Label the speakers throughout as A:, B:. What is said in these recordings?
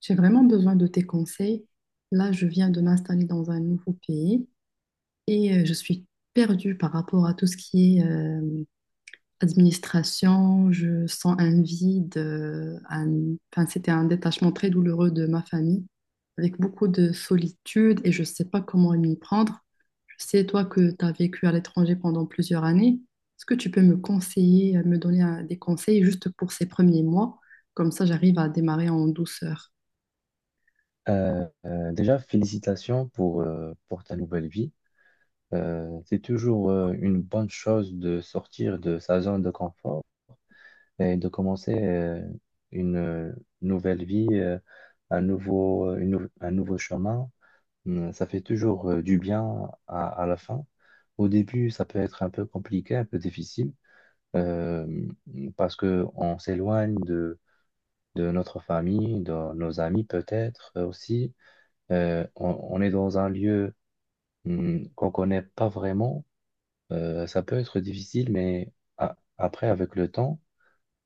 A: J'ai vraiment besoin de tes conseils. Là, je viens de m'installer dans un nouveau pays et je suis perdue par rapport à tout ce qui est administration. Je sens un vide. Enfin, c'était un détachement très douloureux de ma famille, avec beaucoup de solitude et je ne sais pas comment m'y prendre. Je sais, toi, que tu as vécu à l'étranger pendant plusieurs années. Est-ce que tu peux me conseiller, me donner des conseils juste pour ces premiers mois? Comme ça, j'arrive à démarrer en douceur.
B: Déjà, félicitations pour ta nouvelle vie. C'est toujours une bonne chose de sortir de sa zone de confort et de commencer une nouvelle vie, un un nouveau chemin. Ça fait toujours du bien à la fin. Au début, ça peut être un peu compliqué, un peu difficile, euh, parce que on s'éloigne de notre famille, de nos amis peut-être aussi on est dans un lieu qu'on connaît pas vraiment, ça peut être difficile, mais après, avec le temps,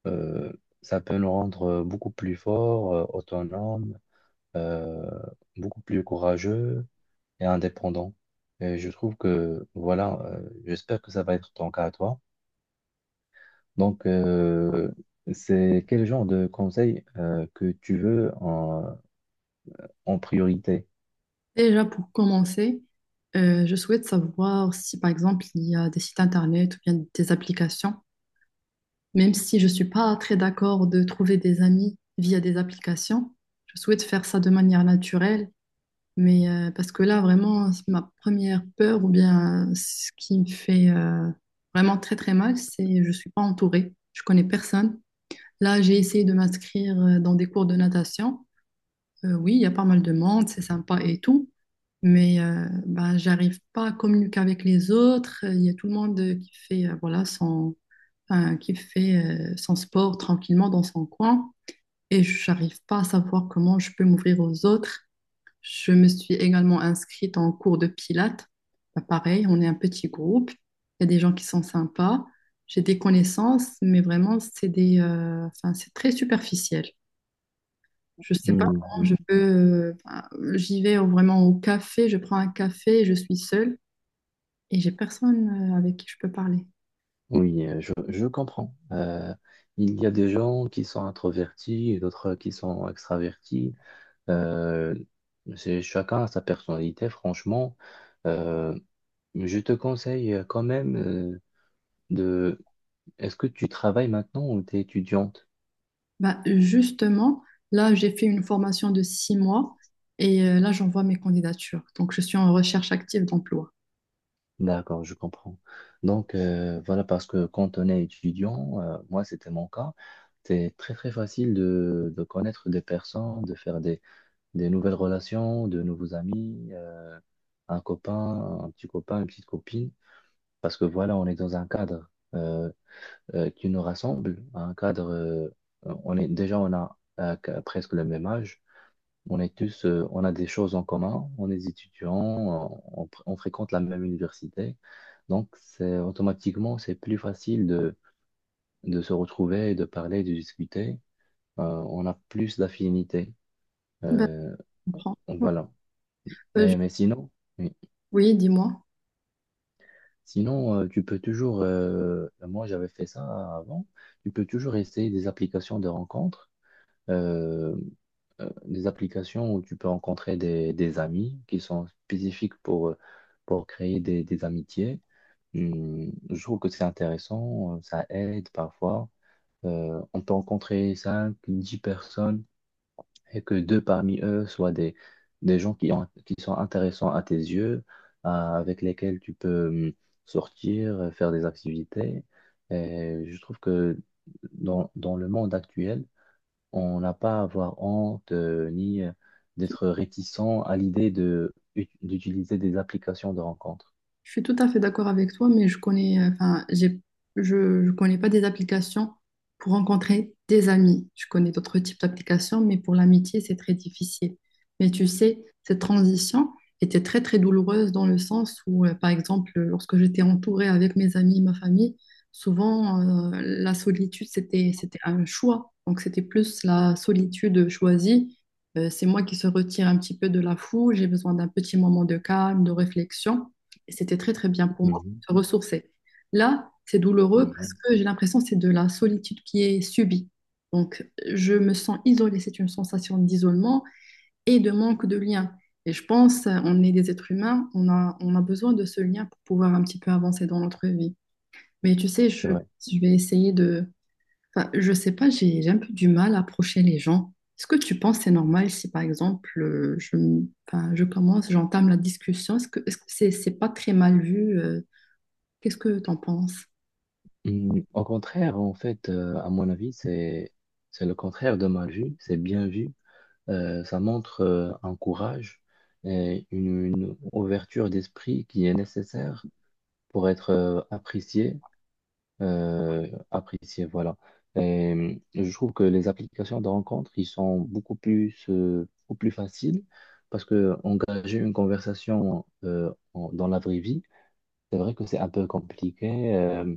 B: euh, ça peut nous rendre beaucoup plus forts, autonomes, euh, beaucoup plus courageux et indépendants. Et je trouve que, voilà, j'espère que ça va être ton cas à toi. Donc, c'est quel genre de conseil que tu veux en priorité?
A: Déjà, pour commencer, je souhaite savoir si, par exemple, il y a des sites internet ou bien des applications. Même si je ne suis pas très d'accord de trouver des amis via des applications, je souhaite faire ça de manière naturelle. Mais parce que là, vraiment, c'est ma première peur ou bien ce qui me fait vraiment très très mal, c'est je ne suis pas entourée. Je connais personne. Là, j'ai essayé de m'inscrire dans des cours de natation. Oui, il y a pas mal de monde, c'est sympa et tout, mais j'arrive pas à communiquer avec les autres. Il y a tout le monde qui fait, voilà, qui fait son sport tranquillement dans son coin et j'arrive pas à savoir comment je peux m'ouvrir aux autres. Je me suis également inscrite en cours de pilates. Ben, pareil, on est un petit groupe, il y a des gens qui sont sympas, j'ai des connaissances, mais vraiment, enfin, c'est très superficiel. Je sais pas
B: Hmm,
A: comment je peux. J'y vraiment au café, je prends un café, je suis seule et j'ai personne avec qui je peux parler.
B: Oui, je comprends. Il y a des gens qui sont introvertis et d'autres qui sont extravertis. Euh, c'est chacun a sa personnalité, franchement. Euh, je te conseille quand même de... Est-ce que tu travailles maintenant ou tu es étudiante?
A: Bah, justement, là, j'ai fait une formation de 6 mois et là, j'envoie mes candidatures. Donc, je suis en recherche active d'emploi.
B: D'accord, je comprends. Donc voilà, parce que quand on est étudiant, moi c'était mon cas, c'est très très facile de connaître des personnes, de faire des nouvelles relations, de nouveaux amis, un copain, un petit copain, une petite copine, parce que voilà, on est dans un cadre euh, qui nous rassemble, un cadre, on est déjà presque le même âge, on est tous, on a des choses en commun, on est étudiants, on fréquente la même université, donc c'est automatiquement c'est plus facile de se retrouver, de parler, de discuter. On a plus d'affinités.
A: Bah,
B: Euh,
A: je comprends.
B: voilà.
A: Euh, je-
B: Eh, mais sinon. Oui.
A: Oui, dis-moi.
B: Sinon, tu peux toujours, moi j'avais fait ça avant, tu peux toujours essayer des applications de rencontres, euh, des applications où tu peux rencontrer des amis qui sont spécifiques pour créer des amitiés. Je trouve que c'est intéressant, ça aide parfois. On peut rencontrer 5, 10 personnes et que deux parmi eux soient des gens qui sont intéressants à tes yeux, avec lesquels tu peux sortir, faire des activités. Et je trouve que dans le monde actuel, on n'a pas à avoir honte ni d'être réticent à l'idée d'utiliser des applications de rencontre.
A: Je suis tout à fait d'accord avec toi, mais je connais, enfin, j'ai, je connais pas des applications pour rencontrer des amis. Je connais d'autres types d'applications, mais pour l'amitié, c'est très difficile. Mais tu sais, cette transition était très, très douloureuse dans le sens où, par exemple, lorsque j'étais entourée avec mes amis, ma famille, souvent, la solitude, c'était un choix. Donc, c'était plus la solitude choisie. C'est moi qui se retire un petit peu de la foule. J'ai besoin d'un petit moment de calme, de réflexion. Et c'était très, très bien pour moi
B: Mhm.
A: de se ressourcer. Là, c'est douloureux parce
B: Mhm.
A: que j'ai l'impression que c'est de la solitude qui est subie. Donc, je me sens isolée. C'est une sensation d'isolement et de manque de lien. Et je pense, on est des êtres humains, on a besoin de ce lien pour pouvoir un petit peu avancer dans notre vie. Mais tu sais,
B: C'est vrai.
A: je vais essayer de... Enfin, je sais pas, j'ai un peu du mal à approcher les gens. Est-ce que tu penses que c'est normal si, par exemple, enfin, j'entame la discussion? Est-ce que c'est pas très mal vu, qu'est-ce que t'en penses?
B: Au contraire, en fait, à mon avis, c'est le contraire de mal vu, c'est bien vu. Ça montre un courage et une ouverture d'esprit qui est nécessaire pour être apprécié, apprécié, voilà. Et je trouve que les applications de rencontre, ils sont beaucoup plus faciles parce que engager une conversation dans la vraie vie, c'est vrai que c'est un peu compliqué.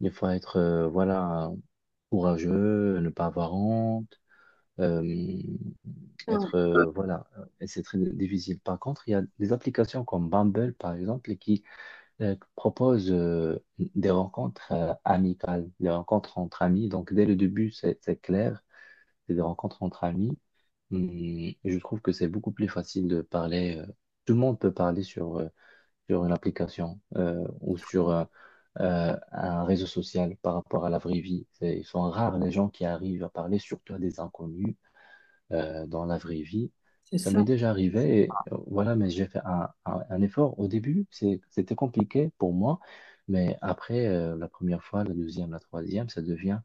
B: Il faut être, voilà, courageux, ne pas avoir honte. euh,
A: Ouais.
B: Être, voilà, et c'est très difficile. Par contre, il y a des applications comme Bumble, par exemple, qui proposent des rencontres amicales, des rencontres entre amis. Donc, dès le début, c'est clair, c'est des rencontres entre amis. Et je trouve que c'est beaucoup plus facile de parler. Tout le monde peut parler sur une application ou sur un réseau social par rapport à la vraie vie. C'est- Ils sont rares les gens qui arrivent à parler, surtout à des inconnus dans la vraie vie.
A: C'est
B: Ça
A: ça,
B: m'est déjà arrivé, et voilà, mais j'ai fait un effort. Au début, c'est- c'était compliqué pour moi, mais après, la première fois, la deuxième, la troisième, ça devient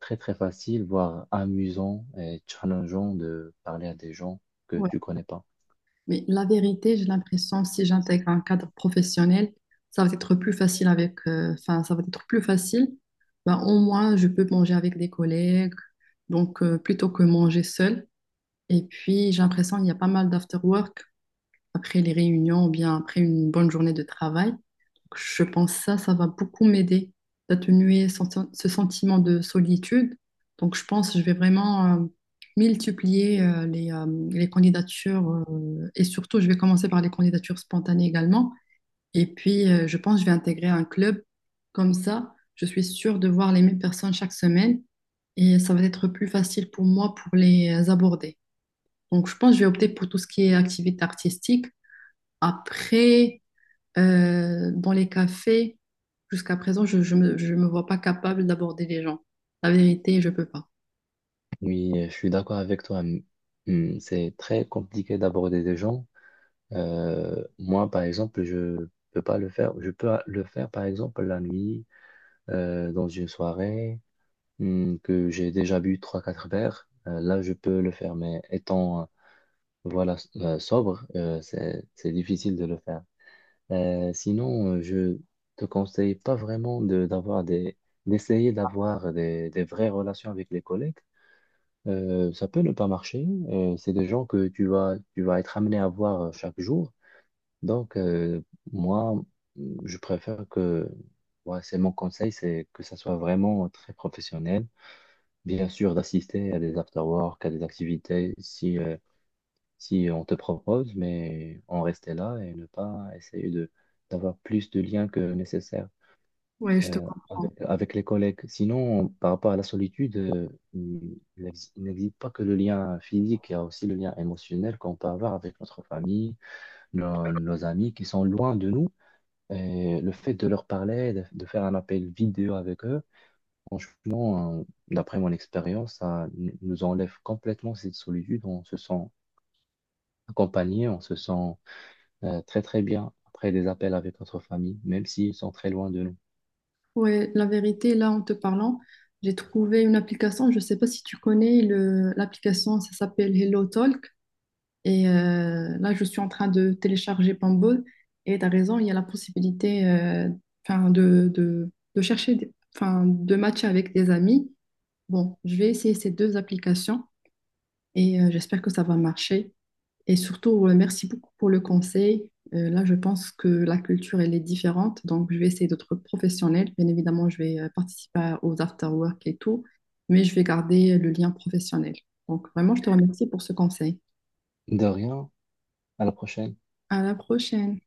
B: très, très facile, voire amusant et challengeant de parler à des gens que
A: ouais.
B: tu connais pas.
A: Mais la vérité, j'ai l'impression si j'intègre un cadre professionnel, ça va être plus enfin, ça va être plus facile. Ben, au moins, je peux manger avec des collègues, donc plutôt que manger seul. Et puis, j'ai l'impression qu'il y a pas mal d'after work après les réunions ou bien après une bonne journée de travail. Je pense que ça va beaucoup m'aider d'atténuer ce sentiment de solitude. Donc, je pense que je vais vraiment multiplier les candidatures et surtout, je vais commencer par les candidatures spontanées également. Et puis, je pense que je vais intégrer un club. Comme ça, je suis sûre de voir les mêmes personnes chaque semaine et ça va être plus facile pour moi pour les aborder. Donc, je pense que je vais opter pour tout ce qui est activité artistique. Après, dans les cafés, jusqu'à présent, je me vois pas capable d'aborder les gens. La vérité, je peux pas.
B: Oui, je suis d'accord avec toi. C'est très compliqué d'aborder des gens. Moi, par exemple, je peux pas le faire. Je peux le faire, par exemple, la nuit, dans une soirée. Que j'ai déjà bu trois quatre verres, là, je peux le faire. Mais étant, voilà, sobre, c'est difficile de le faire. Sinon, je te conseille pas vraiment d'avoir d'essayer d'avoir des vraies relations avec les collègues. Ça peut ne pas marcher. C'est des gens que tu vas être amené à voir chaque jour. Donc, moi, je préfère que, ouais, c'est mon conseil, c'est que ça soit vraiment très professionnel bien sûr, d'assister à des after-work, à des activités, si, si on te propose, mais en rester là et ne pas essayer de d'avoir plus de liens que nécessaire
A: Ouais, je te comprends.
B: avec, avec les collègues. Sinon, par rapport à la solitude, il n'existe pas que le lien physique, il y a aussi le lien émotionnel qu'on peut avoir avec notre famille, nos amis qui sont loin de nous. Et le fait de leur parler, de faire un appel vidéo avec eux, franchement, d'après mon expérience, nous enlève complètement cette solitude. On se sent accompagné, on se sent très très bien après des appels avec notre famille, même s'ils sont très loin de nous.
A: Ouais, la vérité, là, en te parlant, j'ai trouvé une application, je sais pas si tu connais l'application, ça s'appelle Hello Talk. Et là, je suis en train de télécharger Bumble. Et tu as raison, il y a la possibilité de chercher, de matcher avec des amis. Bon, je vais essayer ces deux applications et j'espère que ça va marcher. Et surtout, merci beaucoup pour le conseil. Là, je pense que la culture, elle est différente. Donc, je vais essayer d'être professionnelle. Bien évidemment, je vais participer aux after-work et tout, mais je vais garder le lien professionnel. Donc, vraiment, je te remercie pour ce conseil.
B: De rien, à la prochaine.
A: À la prochaine.